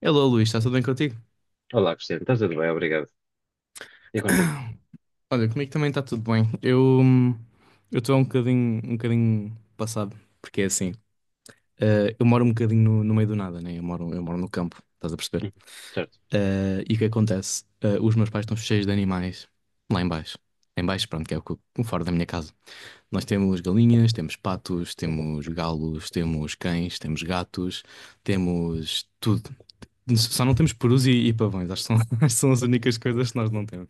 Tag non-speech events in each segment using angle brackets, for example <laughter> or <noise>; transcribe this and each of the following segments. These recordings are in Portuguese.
Hello, Luís, está tudo bem contigo? Olá, Cristiano, está tudo bem? Obrigado. E contigo? <coughs> Olha, comigo também está tudo bem. Eu estou um bocadinho passado, porque é assim, eu moro um bocadinho no meio do nada, né? Eu moro no campo, estás a perceber? Uhum. Certo. E o que acontece? Os meus pais estão cheios de animais lá em baixo. Em baixo, pronto, que é o fora da minha casa. Nós temos galinhas, temos patos, temos galos, temos cães, temos gatos, temos tudo. Só não temos perus e pavões, acho que são, <laughs> acho que são as únicas coisas que nós não temos.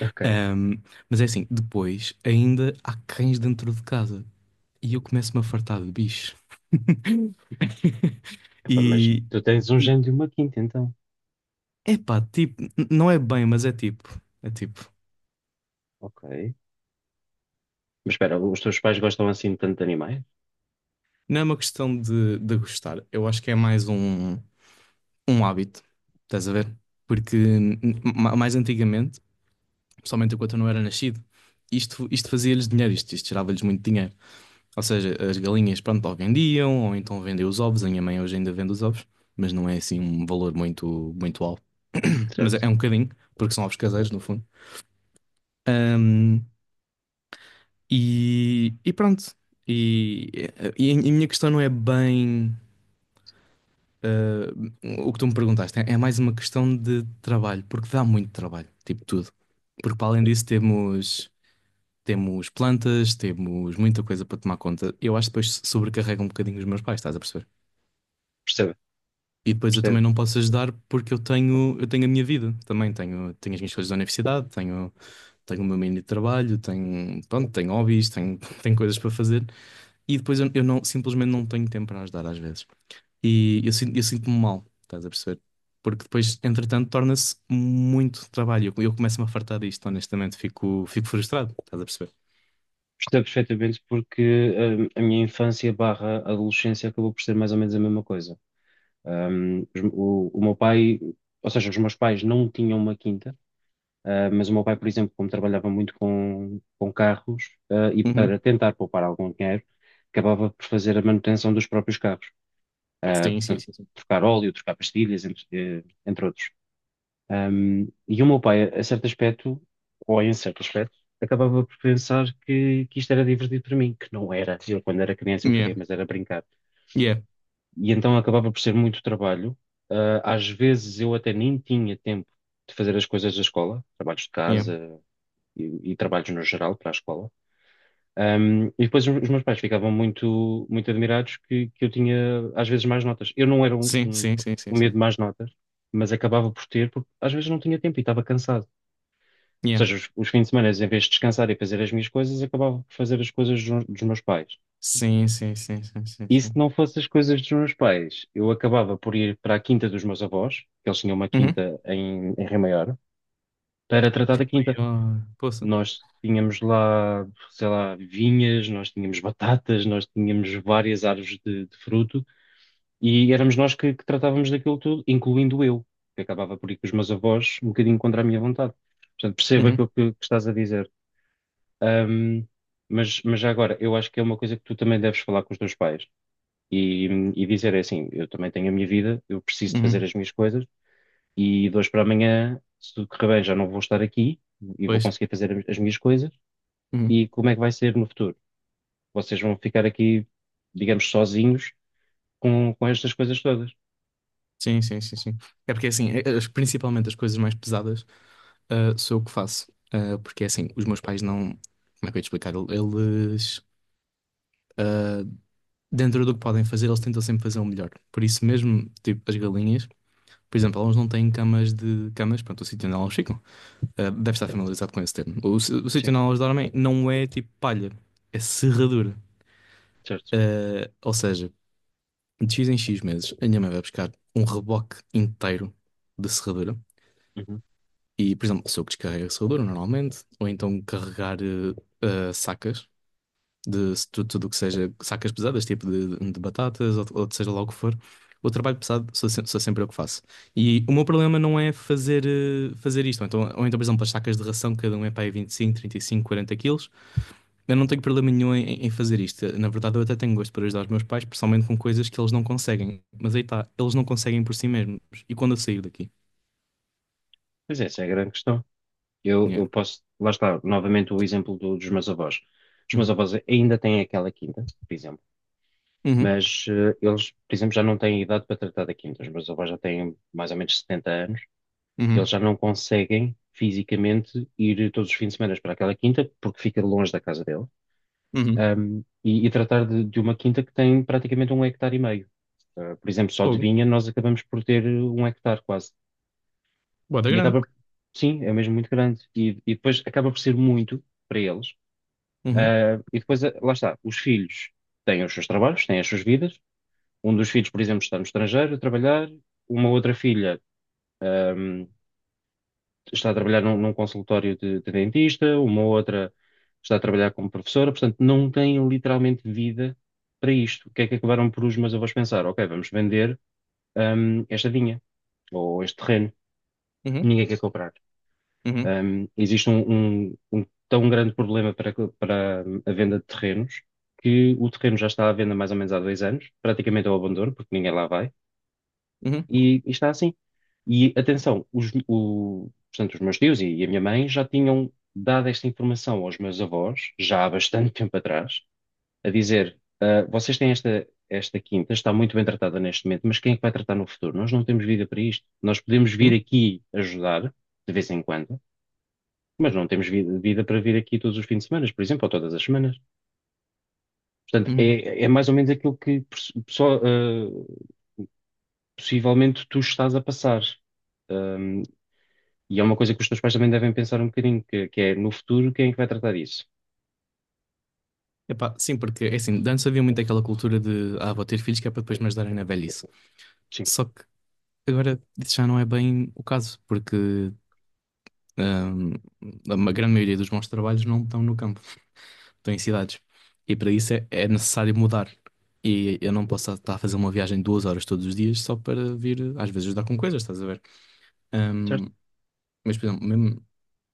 Ok. Ahm, mas é assim, depois ainda há cães dentro de casa e eu começo-me a fartar de bicho. <laughs> Epá, mas E, tu tens um e gênio e uma quinta, então. epá, tipo, não é bem, mas é tipo, Ok. Mas espera, os teus pais gostam assim tanto de animais? não é uma questão de gostar. Eu acho que é mais um hábito, estás a ver? Porque mais antigamente, principalmente enquanto eu não era nascido, isto fazia-lhes dinheiro, isto gerava-lhes muito dinheiro. Ou seja, as galinhas, pronto, ou vendiam, ou então vendem os ovos. A minha mãe hoje ainda vende os ovos, mas não é assim um valor muito, muito alto. <coughs> <clears throat> Mas é, Certo. é um bocadinho, porque são ovos caseiros, no fundo. Ahm, e pronto. E, e, a minha questão não é bem, ah, o que tu me perguntaste. É mais uma questão de trabalho, porque dá muito trabalho, tipo tudo. Porque para além disso temos plantas, temos muita coisa para tomar conta. Eu acho que depois sobrecarrega um bocadinho os meus pais, estás a perceber? Percebo, E depois eu percebo. também não posso ajudar porque eu tenho a minha vida também. Tenho as minhas coisas da universidade, tenho o meu meio de trabalho, tenho, pronto, tenho hobbies, tenho, <laughs> tenho coisas para fazer. E depois eu não, simplesmente não tenho tempo para ajudar às vezes. E eu sinto-me mal, estás a perceber? Porque depois, entretanto, torna-se muito trabalho. Eu começo-me a fartar disto, honestamente. Fico frustrado, estás a perceber? Percebo perfeitamente porque a minha infância barra adolescência acabou por ser mais ou menos a mesma coisa. O meu pai, ou seja, os meus pais não tinham uma quinta, mas o meu pai, por exemplo, como trabalhava muito com carros, e para Uhum. tentar poupar algum dinheiro, acabava por fazer a manutenção dos próprios carros. Sim, sim, Portanto, sim, sim. trocar óleo, trocar pastilhas, entre outros. E o meu pai, a certo aspecto, ou em certo aspecto, acabava por pensar que isto era divertido para mim, que não era. Eu, quando era criança, eu Yeah, queria, mas era brincar. yeah, E então acabava por ser muito trabalho. Às vezes eu até nem tinha tempo de fazer as coisas da escola, trabalhos de yeah. casa e trabalhos no geral para a escola. E depois os meus pais ficavam muito, muito admirados que eu tinha, às vezes, mais notas. Eu não era um, Sim, um, sim, sim, sim, um medo sim. de mais notas, mas acabava por ter, porque às vezes não tinha tempo e estava cansado. Ou Yeah. seja, os fins de semana, em vez de descansar e fazer as minhas coisas, acabava por fazer as coisas dos meus pais. Sim, sim, sim, sim, sim, E se sim. não fosse as coisas dos meus pais, eu acabava por ir para a quinta dos meus avós, que eles tinham uma Uhum. quinta em Rio Maior, para tratar da quinta. Eu, poxa. Nós tínhamos lá, sei lá, vinhas, nós tínhamos batatas, nós tínhamos várias árvores de fruto e éramos nós que tratávamos daquilo tudo, incluindo eu, que acabava por ir com os meus avós um bocadinho contra a minha vontade. Portanto, percebo Uhum, aquilo que estás a dizer. Ahm, mas já agora, eu acho que é uma coisa que tu também deves falar com os teus pais e, e dizer é assim: eu também tenho a minha vida, eu preciso de fazer uhum. as minhas coisas e de hoje para amanhã, se tudo correr bem, já não vou estar aqui e vou Pois. conseguir fazer as minhas coisas Uhum. e como é que vai ser no futuro? Vocês vão ficar aqui, digamos, sozinhos com estas coisas todas. Sim, sim, sim, sim. É porque assim, principalmente as coisas mais pesadas, sou eu que faço. Porque assim, os meus pais não. Como é que eu ia te explicar? Eles, dentro do que podem fazer, eles tentam sempre fazer o melhor. Por isso mesmo, tipo, as galinhas, por exemplo, elas não têm camas de camas, pronto, o sítio onde elas ficam. Deve estar familiarizado com esse termo. O sítio Sim, onde elas dormem não é tipo palha, é serradura. certo. Ou seja, de X em X meses, a minha mãe vai buscar um reboque inteiro de serradura. Uhum. E, por exemplo, sou eu que descarrego a serradura normalmente, ou então carregar sacas de se tu- tudo o que seja sacas pesadas, tipo de batatas ou de seja lá o que for. O trabalho pesado sou, se- sou sempre eu que faço. E o meu problema não é fazer isto. Ou então, por exemplo, as sacas de ração, cada um é para aí 25, 35, 40 quilos. Eu não tenho problema nenhum em fazer isto. Na verdade, eu até tenho gosto por ajudar os meus pais, principalmente com coisas que eles não conseguem. Mas aí está, eles não conseguem por si mesmos. E quando eu sair daqui? Pois é, essa é a grande questão. Eu, Yeah. eu posso, lá está, novamente o exemplo dos meus avós. Os meus Uhum. avós ainda têm aquela quinta, por exemplo, Uhum. mas eles, por exemplo, já não têm idade para tratar da quinta. Os meus avós já têm mais ou menos 70 anos, eles Uhum. já não conseguem fisicamente ir todos os fins de semana para aquela quinta porque fica longe da casa deles, Uhum. E tratar de uma quinta que tem praticamente um hectare e meio. Por exemplo, só de Fogo. vinha nós acabamos por ter um hectare quase. Bota E grande. acaba, sim, é mesmo muito grande. E depois acaba por ser muito para eles. Uhum. E depois, lá está, os filhos têm os seus trabalhos, têm as suas vidas. Um dos filhos, por exemplo, está no estrangeiro a trabalhar. Uma outra filha, um, está a trabalhar num consultório de dentista, uma outra está a trabalhar como professora, portanto, não têm literalmente vida para isto. O que é que acabaram por os meus avós pensar? Ok, vamos vender, esta vinha ou este terreno, Uhum. ninguém quer comprar. Uhum. Existe um, um tão grande problema para a venda de terrenos que o terreno já está à venda mais ou menos há 2 anos, praticamente ao abandono, porque ninguém lá vai Uhum. e está assim. E atenção, portanto, os meus tios e a minha mãe já tinham dado esta informação aos meus avós, já há bastante <laughs> tempo atrás, a dizer: "Ah, vocês têm esta quinta, está muito bem tratada neste momento, mas quem é que vai tratar no futuro? Nós não temos vida para isto. Nós podemos vir Uhum. aqui ajudar, de vez em quando, mas não temos vida, vida para vir aqui todos os fins de semana, por exemplo, ou todas as semanas." Portanto, Uhum. é mais ou menos aquilo que possivelmente tu estás a passar. Hum, E é uma coisa que os teus pais também devem pensar um bocadinho, que é no futuro quem é que vai tratar isso? Epá, sim, porque é assim, de antes havia muito aquela cultura de vou ter filhos que é para depois me ajudarem na velhice. Sim, Só que agora isso já não é bem o caso, porque ahm, grande maioria dos bons trabalhos não estão no campo. Estou em cidades. E para isso é necessário mudar. E eu não posso estar a fazer uma viagem de 2 horas todos os dias só para vir, às vezes, ajudar com coisas, estás a ver? Ahm, certo? mas, por exemplo, mesmo,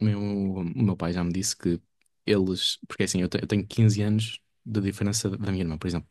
o meu pai já me disse que eles. Porque assim, eu tenho 15 anos de diferença da minha irmã, por exemplo.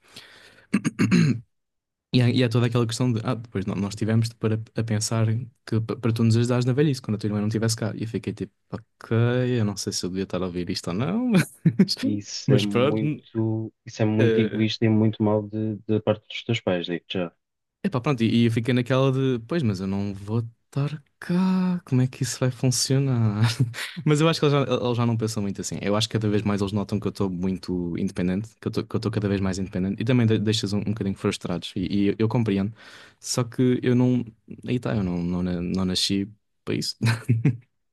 E há toda aquela questão de. Depois nós tivemos para a pensar que para tu nos ajudares na velhice, quando a tua irmã não estivesse cá. E eu fiquei tipo, ok, eu não sei se eu devia estar a ouvir isto ou não, <laughs> mas, mas pronto. Isso é muito eh, egoísta e muito mau da parte dos teus pais, digo-te já. Epá, pronto, e eu fiquei naquela de, pois, mas eu não vou estar cá, como é que isso vai funcionar? <laughs> Mas eu acho que eles já não pensam muito assim. Eu acho que cada vez mais eles notam que eu estou muito independente, que eu estou cada vez mais independente e também deixas um bocadinho frustrados, e eu compreendo. Só que eu não, aí está, eu não, não, não nasci para isso. <laughs>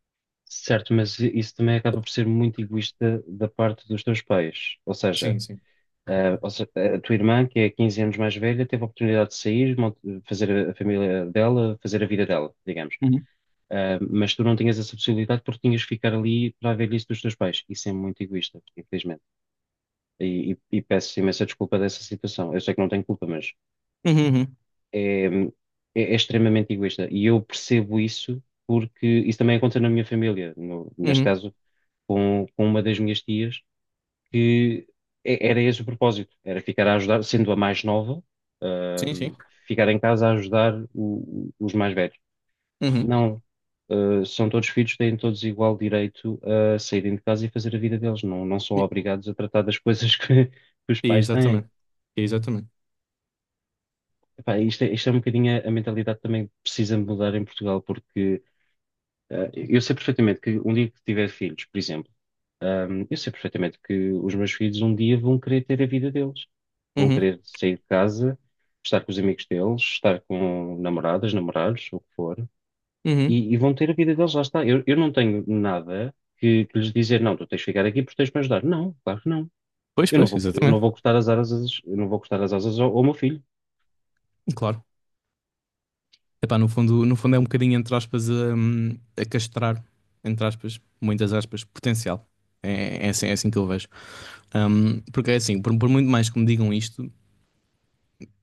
Certo, mas isso também acaba por ser muito egoísta da parte dos teus pais. Ou seja, Sim, sim. a, ou se- a tua irmã, que é 15 anos mais velha, teve a oportunidade de sair, fazer a família dela, fazer a vida dela, digamos. Uhum. Ah, mas tu não tinhas essa possibilidade porque tinhas que ficar ali para a velhice dos teus pais. Isso é muito egoísta, infelizmente. E peço imensa desculpa dessa situação. Eu sei que não tenho culpa, mas Uhum, uhum, é, é- é extremamente egoísta. E eu percebo isso porque isso também aconteceu na minha família, neste uhum. caso com uma das minhas tias, que era esse o propósito, era ficar a ajudar, sendo a mais nova, Sim, sim. ahm, ficar em casa a ajudar os mais velhos. Uhum. Não. São todos filhos, têm todos igual direito a saírem de casa e fazer a vida deles. Não, não são obrigados a tratar das <laughs> coisas que os pais têm. Exatamente. Exatamente. Epá, isto é um bocadinho a mentalidade também que precisa mudar em Portugal, porque eu sei perfeitamente que um dia que tiver filhos, por exemplo, eu sei perfeitamente que os meus filhos um dia vão querer ter a vida deles, vão Uhum, querer sair de casa, estar com os amigos deles, estar com namoradas, namorados, o que for, uhum. e vão ter a vida deles, lá está. Eu não tenho nada que lhes dizer, não, tu tens de ficar aqui porque tens de me ajudar. Não, claro que não. Pois, Eu não pois, vou, eu não exatamente. vou cortar as asas, eu não vou cortar as asas ao meu filho. Claro. Epá, no fundo, no fundo é um bocadinho, entre aspas, a, castrar, entre aspas, muitas aspas, potencial. É assim, é assim que eu vejo. Porque é assim, por muito mais que me digam isto,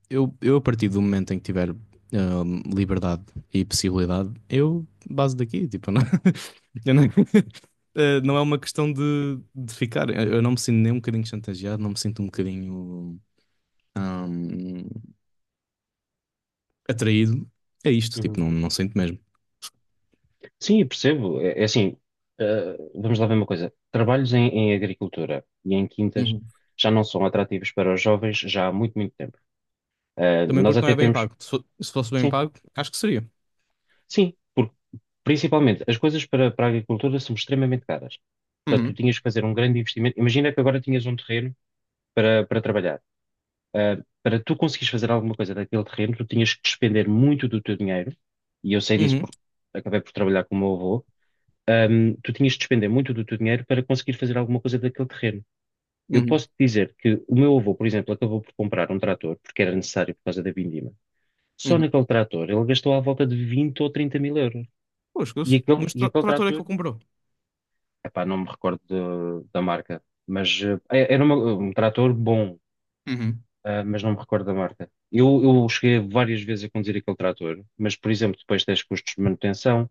eu a partir do momento em que tiver liberdade e possibilidade, eu baso daqui, tipo, não, <laughs> eu não, <laughs> não é uma questão de ficar. Eu não me sinto nem um bocadinho chantageado, não me sinto um bocadinho hum, atraído. É isto, tipo, não, não sinto mesmo. Sim, eu percebo. É assim, vamos lá ver uma coisa. Trabalhos em agricultura e em quintas já não são atrativos para os jovens já há muito, muito tempo. Também Nós porque não até é bem temos, pago. Se fosse bem sim, pago, acho que seria. sim, porque principalmente as coisas para a agricultura são extremamente caras. Portanto, tu Uhum, tinhas que fazer um grande investimento. Imagina que agora tinhas um terreno para trabalhar. Eh, Para tu conseguires fazer alguma coisa daquele terreno, tu tinhas que despender muito do teu dinheiro, e eu sei disso Uhum, porque acabei por trabalhar com o meu avô, tu tinhas de despender muito do teu dinheiro para conseguir fazer alguma coisa daquele terreno. Eu uhum, posso te dizer que o meu avô, por exemplo, acabou por comprar um trator porque era necessário por causa da vindima. Só uhum. naquele trator ele gastou à volta de 20 ou 30 mil euros. Pô, E esquece. aquele, Mas e tra aquele trator é que trator, ele comprou. epá, não me recordo da marca, mas um trator bom, Uhum. Mas não me recordo da marca. Eu cheguei várias vezes a conduzir aquele trator, mas, por exemplo, depois tens custos de manutenção,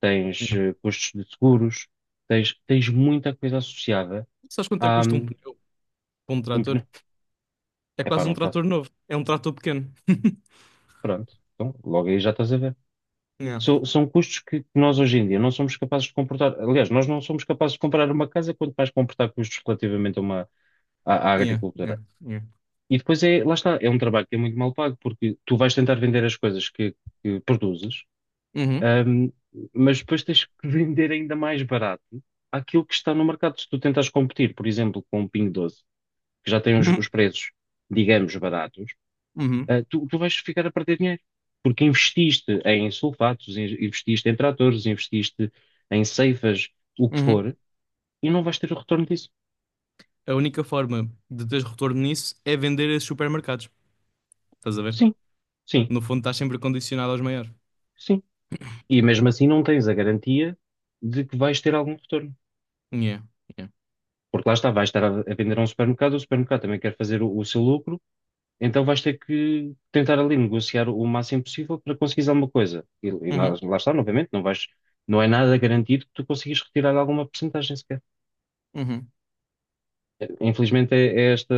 tens Yeah. Custos de seguros, tens muita coisa associada Sabes quanto é que há custa um pneu para um um trator? pneu. É Epá, quase um não trator faço. novo. É um trator pequeno. <laughs> Pronto, então logo aí já estás a ver. Yeah, São custos que nós hoje em dia não somos capazes de comportar. Aliás, nós não somos capazes de comprar uma casa, quanto mais comportar custos relativamente à yeah, yeah, agricultura. yeah. E depois é, lá está, é um trabalho que é muito mal pago, porque tu vais tentar vender as coisas que produzes, Uhum, hum, mas depois tens que <laughs> vender ainda mais barato aquilo que está no mercado. Se tu tentas competir, por exemplo, com o Pingo Doce, que já tem os uhum, preços, digamos, baratos, uhum, tu vais ficar a perder dinheiro. Porque investiste em sulfatos, investiste em tratores, investiste em ceifas, o que uhum. for, e não vais ter o retorno disso. A única forma de teres retorno nisso é vender esses supermercados. Estás a ver? Sim, sim, No fundo, estás sempre condicionado aos maiores. sim. E mesmo assim não tens a garantia de que vais ter algum retorno. Yeah, yeah. Porque lá está, vais estar a vender a um supermercado, o supermercado também quer fazer o seu lucro, então vais ter que tentar ali negociar o máximo possível para conseguir alguma coisa. E lá, Uhum, lá está, novamente, não é nada garantido que tu consigas retirar alguma porcentagem sequer. uhum, Infelizmente é esta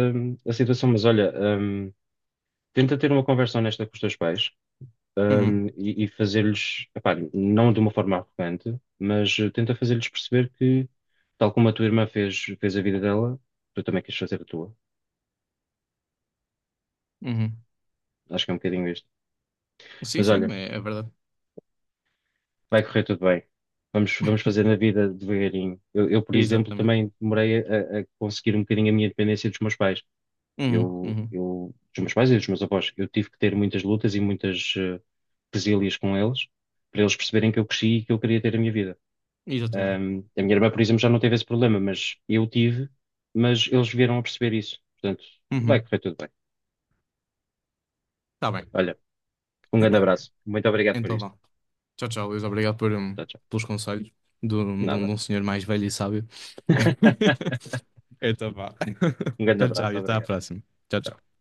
a situação, mas olha, tenta ter uma conversa honesta com os teus pais, uhum, e fazer-lhes, epá, não de uma forma arrogante, mas tenta fazer-lhes perceber que, tal como a tua irmã fez, fez a vida dela, tu também queres fazer a tua. uhum. Acho que é um bocadinho isto. Sim, Mas sim, olha, é verdade. vai correr tudo bem. Vamos fazer na vida devagarinho. Eu, por exemplo, Exatamente. também demorei a conseguir um bocadinho a minha independência dos meus pais. Uhum, Eu, uhum. eu, dos meus pais e dos meus avós, eu tive que ter muitas lutas e muitas resílias com eles, para eles perceberem que eu cresci e que eu queria ter a minha vida. Exatamente. A minha irmã, por exemplo, já não teve esse problema, mas eu tive, mas eles vieram a perceber isso. Portanto, vai Uhum. correr tudo bem. Tá bem. Olha, um grande abraço. Muito obrigado por Então isto. vá. Tchau, tchau, Luís. Obrigado Tchau, tchau. pelos conselhos de, um de um- de Nada. um senhor mais velho e sábio. <laughs> <laughs> Então vá. <laughs> Um grande Tchau, tchau. abraço. E até à Obrigado. próxima. Tchau, tchau.